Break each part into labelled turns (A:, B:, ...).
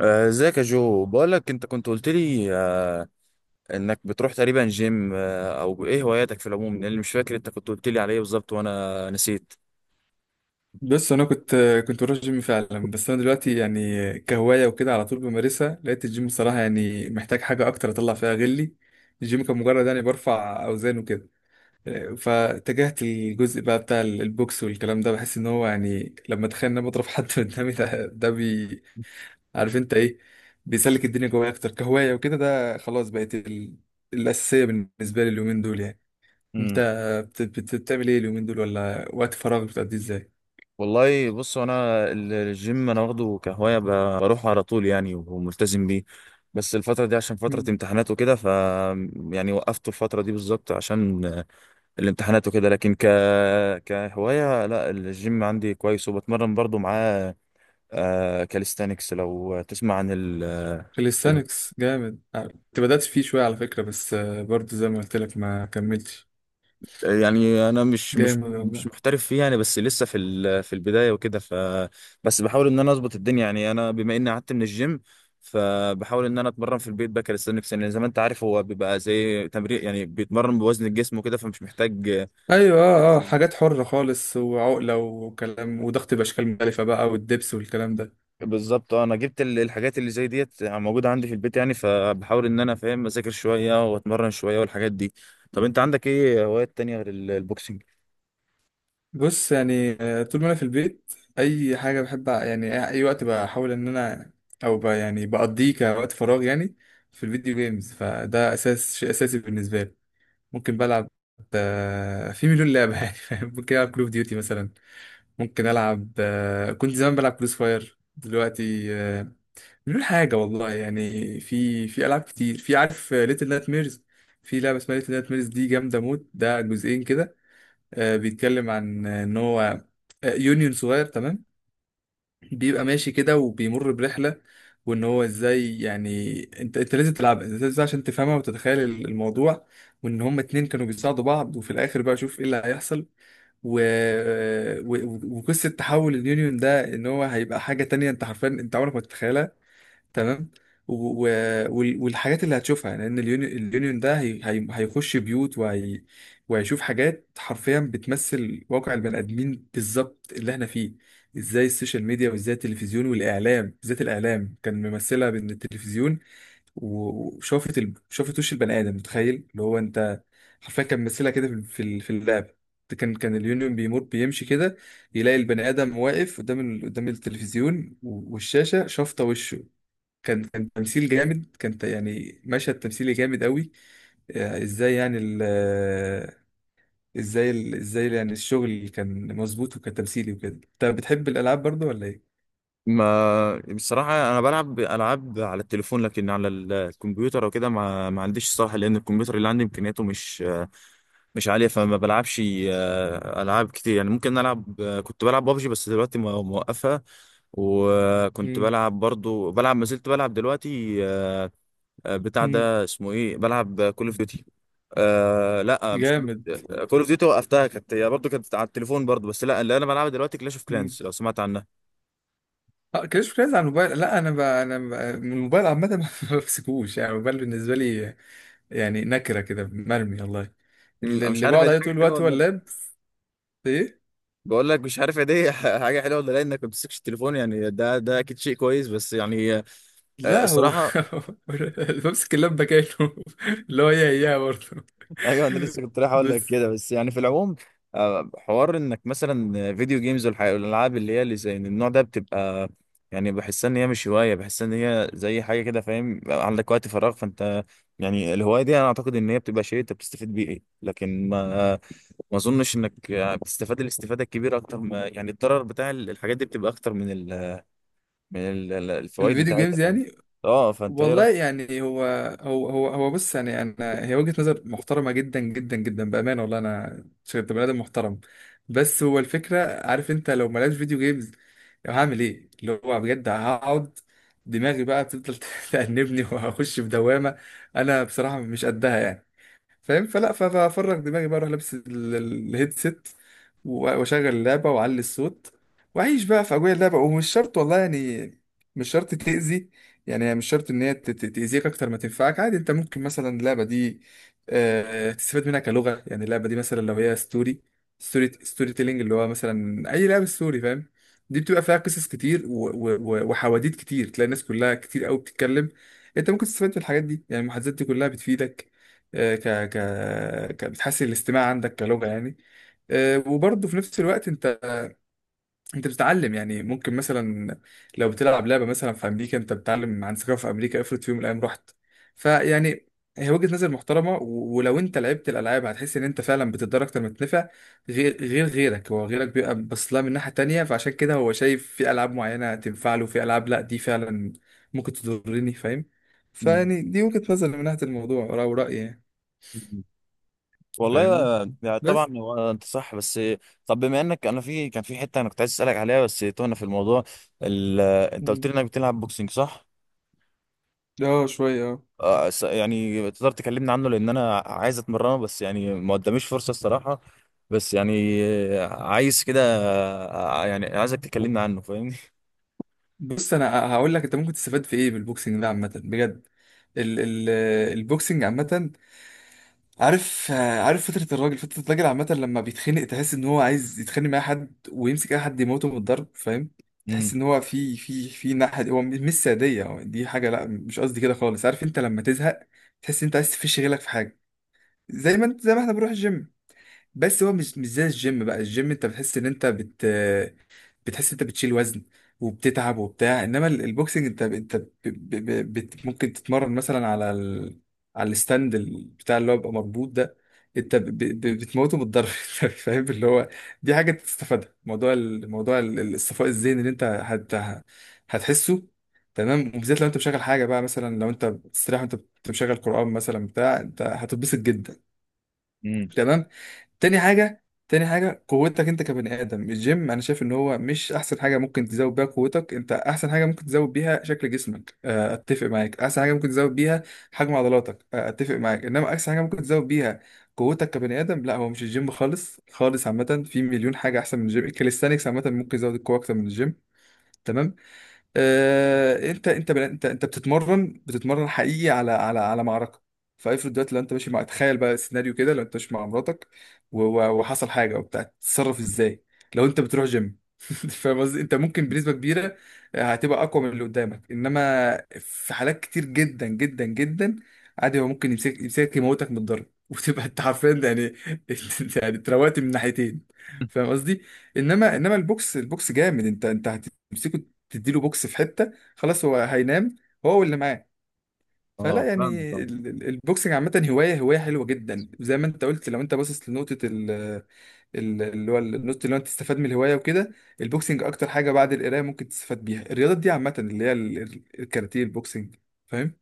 A: ازيك يا جو، بقولك انت كنت قلت لي انك بتروح تقريبا جيم، او ايه هواياتك في العموم؟ لان اللي مش فاكر انت كنت قلت لي عليه بالظبط وانا نسيت.
B: بس انا كنت بروح الجيم فعلا. بس انا دلوقتي يعني كهوايه وكده على طول بمارسها، لقيت الجيم الصراحه يعني محتاج حاجه اكتر اطلع فيها. غلي الجيم كان مجرد يعني برفع اوزان وكده، فاتجهت الجزء بقى بتاع البوكس والكلام ده. بحس ان هو يعني لما اتخيل ان انا بضرب حد قدامي ده، عارف انت ايه، بيسلك الدنيا جوايا اكتر. كهوايه وكده ده خلاص بقت الاساسيه بالنسبه لي اليومين دول يعني. انت
A: امم.
B: بتعمل ايه اليومين دول، ولا وقت فراغ بتقضيه ازاي؟
A: والله بص انا، الجيم انا واخده كهوايه، بروح على طول يعني وملتزم بيه. بس الفتره دي عشان فتره امتحانات وكده، يعني وقفت الفتره دي بالظبط عشان الامتحانات وكده. لكن كهوايه لا، الجيم عندي كويس وبتمرن برضو معاه. كاليستانكس لو تسمع عن ال-
B: كاليستانكس جامد. كنت بدأت فيه شوية على فكرة بس، برضه زي ما قلت لك ما كملتش.
A: يعني انا مش مش
B: جامد
A: مش
B: والله.
A: محترف فيه، يعني بس لسه في البدايه وكده، بس بحاول ان انا اظبط الدنيا. يعني انا بما اني قعدت من الجيم، فبحاول ان انا اتمرن في البيت بقى كاليستانكس، لان زي ما انت عارف هو بيبقى زي تمرين، يعني بيتمرن بوزن الجسم وكده فمش محتاج.
B: ايوه، حاجات حرة خالص، وعقلة وكلام وضغط بأشكال مختلفة بقى، والدبس والكلام ده.
A: بالظبط اه، انا جبت الحاجات اللي زي ديت موجوده عندي في البيت، يعني فبحاول ان انا فاهم اذاكر شويه واتمرن شويه والحاجات دي. طب انت عندك ايه هوايات تانية غير البوكسنج؟
B: بص يعني، طول ما انا في البيت اي حاجة بحب يعني، اي وقت بحاول ان انا او يعني بقضيه كوقت فراغ يعني. في الفيديو جيمز، فده اساس شيء اساسي بالنسبة لي. ممكن بلعب في مليون لعبة يعني فاهم؟ ممكن العب كول اوف ديوتي مثلا. ممكن العب كنت زمان بلعب كروس فاير. دلوقتي بدون حاجه والله. يعني في العاب كتير، في، عارف ليتل نايت ميرز. في لعبه اسمها ليتل نايت ميرز، دي جامده موت. ده جزئين كده، بيتكلم عن ان هو يونيون صغير. تمام. بيبقى ماشي كده وبيمر برحله. وان هو ازاي يعني، انت لازم تلعبها، انت لازم عشان تفهمها وتتخيل الموضوع. وان هما اتنين كانوا بيساعدوا بعض، وفي الاخر بقى شوف ايه اللي هيحصل. و... وقصة تحول اليونيون ده ان هو هيبقى حاجة تانية، انت حرفيا انت عمرك ما تتخيلها. تمام. و... و... والحاجات اللي هتشوفها لان اليونيون ده هيخش بيوت، وهيشوف حاجات حرفيا بتمثل واقع البني ادمين بالظبط اللي احنا فيه. ازاي السوشيال ميديا، وازاي التلفزيون والاعلام، بالذات الاعلام كان ممثلها بان التلفزيون وشافت شافت وش البني ادم متخيل اللي هو انت. حرفيا كان مثلها كده في في اللعب. كان اليونيون بيمشي كده، يلاقي البني ادم واقف قدام قدام التلفزيون والشاشه شافطه وشه. كان تمثيل جامد، كان يعني مشهد تمثيلي جامد قوي. ازاي يعني ال... آه، ازاي ال... ازاي يعني الشغل كان مظبوط، وكان تمثيلي وكده. انت بتحب الالعاب برضه ولا ايه؟
A: ما بصراحة أنا بلعب ألعاب على التليفون، لكن على الكمبيوتر وكده ما عنديش الصراحة، لأن الكمبيوتر اللي عندي إمكانياته مش عالية فما بلعبش ألعاب كتير، يعني ممكن ألعب، كنت بلعب بابجي بس دلوقتي موقفها. وكنت
B: مم.
A: بلعب برضو، بلعب ما زلت بلعب دلوقتي، بتاع
B: مم.
A: ده اسمه إيه، بلعب كول أوف ديوتي. آه لا، مش
B: جامد.
A: كول اوف ديوتي وقفتها، كانت هي برضه كانت على التليفون برضه، بس لا، اللي انا بلعبها دلوقتي كلاش اوف كلانس، لو سمعت عنها.
B: اه، كلاش اوف على الموبايل، لا انا من الموبايل عامه ما بمسكوش. يعني الموبايل بالنسبه لي يعني نكره كده، مرمي والله. اللي,
A: مش
B: اللي
A: عارف هي
B: بقعد
A: دي
B: عليه طول
A: حاجه حلوه
B: الوقت هو
A: ولا.
B: اللاب. ايه،
A: بقول لك مش عارف دي حاجه حلوه ولا لا، انك ما بتمسكش التليفون، يعني ده اكيد شيء كويس، بس يعني
B: لا هو
A: الصراحه.
B: اللي بمسك اللاب بكاله اللي هو هي برضه.
A: ايوه، انا لسه كنت رايح اقول لك
B: بس
A: كده، بس يعني في العموم حوار انك مثلا فيديو جيمز والالعاب اللي هي اللي زي النوع ده بتبقى، يعني بحس ان هي مش هوايه، بحس ان هي زي حاجه كده، فاهم؟ بقى عندك وقت فراغ فانت، يعني الهوايه دي انا اعتقد ان هي بتبقى شيء انت بتستفيد بيه، لكن ما اظنش انك بتستفاد الاستفاده الكبيره اكتر، ما يعني الضرر بتاع الحاجات دي بتبقى اكتر الفوائد
B: الفيديو
A: بتاعتها
B: جيمز
A: فانت.
B: يعني،
A: اه، فانت ايه رأيك؟
B: والله يعني، هو بص يعني انا، هي وجهة نظر محترمة جدا جدا جدا بأمانة والله. انا شفت بني ادم محترم. بس هو الفكرة، عارف انت لو ملعبش فيديو جيمز، لو هعمل ايه اللي هو بجد. هقعد دماغي بقى بتفضل تأنبني، وهخش في دوامة. انا بصراحة مش قدها يعني. فاهم. فلا، فافرغ دماغي بقى، اروح لابس الهيدسيت واشغل اللعبه واعلي الصوت، واعيش بقى في اجواء اللعبه. ومش شرط والله يعني، مش شرط تاذي. يعني هي مش شرط ان هي تاذيك اكتر ما تنفعك، عادي. انت ممكن مثلا اللعبه دي تستفاد منها كلغه يعني. اللعبه دي مثلا لو هي ستوري تيلينج اللي هو مثلا اي لعبه ستوري، فاهم. دي بتبقى فيها قصص كتير، وحواديت كتير. تلاقي الناس كلها كتير قوي بتتكلم. انت ممكن تستفاد من الحاجات دي يعني المحادثات دي كلها بتفيدك. آه، ك ك ك بتحسن الاستماع عندك كلغة يعني. وبرضه في نفس الوقت انت بتتعلم يعني، ممكن مثلا. لو بتلعب لعبة مثلا في امريكا، انت بتتعلم عن ثقافة في امريكا. افرض في يوم من الايام رحت، فيعني هي وجهة نظر محترمة. ولو انت لعبت الالعاب هتحس ان انت فعلا بتتضرر اكتر ما تنفع. غير غير غيرك، هو غيرك بيبقى بص لها من ناحية تانية. فعشان كده هو شايف في العاب معينة تنفع له، في العاب لا دي فعلا ممكن تضرني، فاهم.
A: مم.
B: فيعني دي وجهة نظر من ناحية الموضوع او رأيي يعني، فاهمني.
A: والله يعني،
B: بس.
A: طبعا هو انت صح بس. طب بما انك، انا في كان في حته انا كنت عايز اسالك عليها، بس تهنا في الموضوع. انت قلت
B: مم.
A: لي انك بتلعب بوكسنج صح؟
B: اه شويه اه.
A: يعني تقدر تكلمني عنه، لان انا عايز اتمرنه، بس يعني ما قداميش فرصه الصراحه. بس يعني عايز كده، يعني عايزك تكلمني عنه فاهمني؟
B: بص، انا هقول لك انت ممكن تستفاد في ايه بالبوكسنج ده عامه بجد. ال ال البوكسنج عامه. عارف عارف. فتره الراجل عامه لما بيتخنق، تحس ان هو عايز يتخانق مع أي حد ويمسك اي حد يموته من الضرب، فاهم. تحس
A: امم.
B: ان هو في ناحيه، هو مش ساديه هو، دي حاجه لا مش قصدي كده خالص. عارف انت لما تزهق تحس ان انت عايز تفش غيرك في حاجه. زي ما انت، زي ما احنا بنروح الجيم. بس هو مش زي الجيم بقى، الجيم انت بتحس ان انت بتحس انت بتشيل وزن وبتتعب وبتاع. انما البوكسنج، انت ممكن تتمرن مثلا على على الستاند بتاع اللي هو بيبقى مربوط ده. انت بتموته بالضرب انت فاهم اللي هو دي حاجه تستفادها. موضوع الصفاء الذهني اللي انت هتحسه. تمام. وبالذات لو انت مشغل حاجه بقى، مثلا لو انت بتستريح وانت مشغل قران مثلا بتاع، انت هتتبسط جدا.
A: امم.
B: تمام. تاني حاجة، قوتك انت كبني ادم، الجيم انا شايف ان هو مش احسن حاجة ممكن تزود بيها قوتك. انت احسن حاجة ممكن تزود بيها شكل جسمك، اتفق معاك. احسن حاجة ممكن تزود بيها حجم عضلاتك، اتفق معاك. انما احسن حاجة ممكن تزود بيها قوتك كبني ادم، لا هو مش الجيم خالص خالص. عامة في مليون حاجة احسن من الجيم. الكاليستانكس عامة ممكن يزود القوة اكتر من الجيم. تمام. انت انت بل- انت انت بتتمرن حقيقي على معركه. فافرض دلوقتي لو انت ماشي مع، تخيل بقى سيناريو كده، لو انت ماشي مع مراتك وحصل حاجه وبتاع، تتصرف ازاي لو انت بتروح جيم فاهم قصدي. انت ممكن بنسبه كبيره هتبقى اقوى من اللي قدامك. انما في حالات كتير جدا جدا جدا عادي، هو ممكن يمسكك يموتك من الضرب وتبقى انت حرفيا يعني انت يعني اتروقت من ناحيتين. فاهم قصدي. انما البوكس جامد، انت هتمسكه تديله بوكس في حته، خلاص هو هينام هو واللي معاه.
A: اه
B: فلا
A: فاهمك،
B: يعني، البوكسنج عامه، هوايه حلوه جدا. زي ما انت قلت، لو انت باصص لنقطه اللي هو النقطه اللي هو انت تستفاد من الهوايه وكده. البوكسنج اكتر حاجه بعد القرايه ممكن تستفاد بيها. الرياضات دي عامه اللي هي الكاراتيه، البوكسنج، فاهم.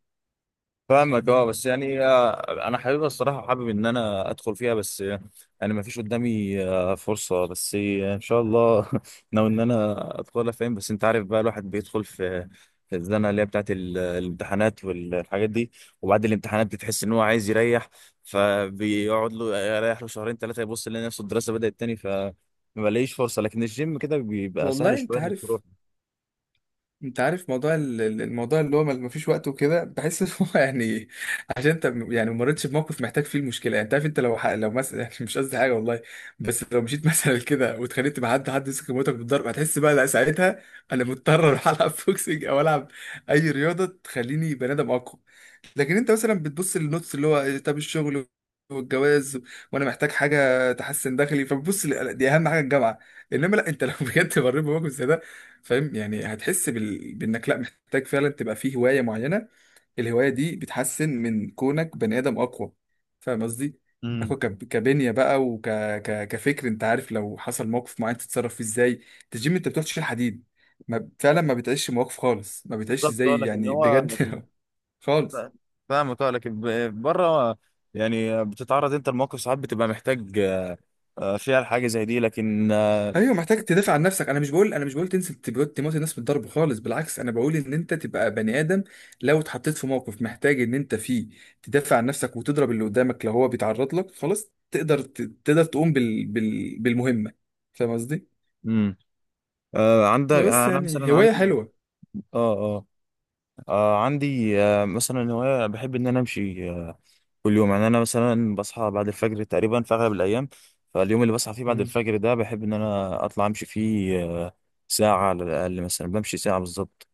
A: فاهمك اه. بس يعني انا حاببها الصراحه وحابب ان انا ادخل فيها، بس يعني ما فيش قدامي فرصه، بس ان شاء الله ناوي ان انا ادخلها، فاهم؟ بس انت عارف بقى، الواحد بيدخل في في الزنقه اللي هي بتاعت الامتحانات والحاجات دي، وبعد الامتحانات بتحس ان هو عايز يريح، فبيقعد له يريح له شهرين ثلاثه يبص يلاقي نفسه الدراسه بدات تاني، فما بلاقيش فرصه. لكن الجيم كده بيبقى سهل
B: والله انت
A: شويه انك تروح.
B: عارف، موضوع الموضوع اللي هو ما فيش وقت وكده، بحس ان هو يعني عشان انت يعني ما مريتش بموقف محتاج فيه المشكله يعني. انت عارف، انت لو لو مثلا يعني مش قصدي حاجه والله. بس لو مشيت مثلا كده واتخانقت مع حد، حد يمسك موتك بالضرب، هتحس بقى لا ساعتها. انا مضطر اروح العب بوكسنج، او العب اي رياضه تخليني بني ادم اقوى. لكن انت مثلا بتبص للنوتس اللي هو طب الشغل والجواز، وانا محتاج حاجه تحسن دخلي، فبتبص دي اهم حاجه الجامعه. انما لا، انت لو بجد مريت بموقف زي ده، فاهم يعني هتحس بانك لا محتاج فعلا تبقى فيه هوايه معينه. الهوايه دي بتحسن من كونك بني ادم اقوى، فاهم قصدي.
A: امم.
B: اخو كبنيه بقى، كفكر انت عارف لو حصل موقف معين تتصرف فيه ازاي. انت الجيم انت بتروح تشيل حديد، ما... فعلا ما بتعيش مواقف خالص. ما بتعيش
A: بالظبط اه،
B: ازاي
A: لكن
B: يعني
A: هو
B: بجد خالص.
A: لا، فاهمك اه، لكن بره يعني بتتعرض انت لمواقف ساعات بتبقى محتاج فيها الحاجه زي دي، لكن
B: ايوه، محتاج تدافع عن نفسك. انا مش بقول، تنزل تبقى تموت الناس بالضرب خالص، بالعكس. انا بقول ان انت تبقى بني ادم، لو اتحطيت في موقف محتاج ان انت فيه تدافع عن نفسك وتضرب اللي قدامك لو هو بيتعرض لك، خلاص تقدر تقدر تقوم بالمهمه، فاهم قصدي.
A: امم. عندك
B: بس
A: آه، انا
B: يعني
A: مثلا
B: هوايه
A: عندي
B: حلوه.
A: اه اه، عندي مثلا هوايه بحب ان انا امشي كل يوم. يعني انا مثلا بصحى بعد الفجر تقريبا في اغلب الايام، فاليوم اللي بصحى فيه بعد
B: مم.
A: الفجر ده بحب ان انا اطلع امشي فيه ساعه على الاقل، مثلا بمشي ساعه بالظبط.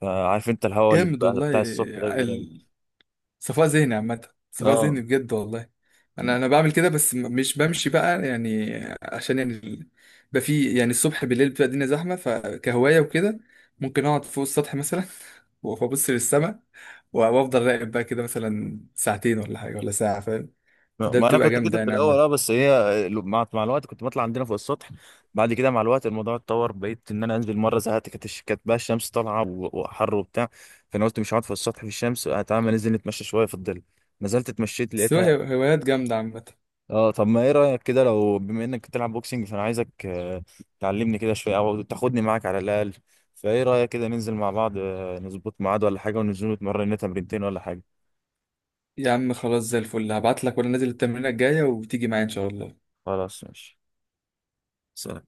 A: فعارف انت الهواء اللي
B: جامد
A: بيبقى
B: والله،
A: بتاع الصبح ده بيبقى رايق.
B: صفاء ذهني عامة، صفاء ذهني
A: اه
B: بجد والله. انا بعمل كده بس مش بمشي بقى يعني. عشان يعني بقى في يعني الصبح بالليل بتبقى الدنيا زحمة، فكهواية وكده. ممكن اقعد فوق السطح مثلا وابص للسما وافضل راقب بقى كده مثلا ساعتين ولا حاجة ولا ساعة، فاهم. ده
A: ما انا
B: بتبقى
A: كنت
B: جامدة
A: كده في
B: يعني
A: الاول اه،
B: عامة.
A: بس هي مع الوقت كنت بطلع عندنا فوق السطح، بعد كده مع الوقت الموضوع اتطور بقيت ان انا انزل. مره زهقت كانت بقى الشمس طالعه وحر وبتاع، فانا قلت مش هقعد في السطح في الشمس، تعالى ما ننزل نتمشى شويه في الظل. نزلت اتمشيت
B: بس
A: لقيتها.
B: هوايات جامدة عامة.
A: اه طب ما ايه رايك كده، لو بما انك بتلعب بوكسنج فانا عايزك تعلمني كده شويه او تاخدني معاك على الاقل. فايه رايك كده ننزل مع بعض، نظبط ميعاد ولا حاجه، وننزل نتمرن لنا تمرينتين ولا حاجه؟
B: يا عم خلاص، زي الفل، هبعت لك وانا نازل التمرينة الجاية وتيجي معايا ان شاء الله.
A: خلاص ماشي. سلام.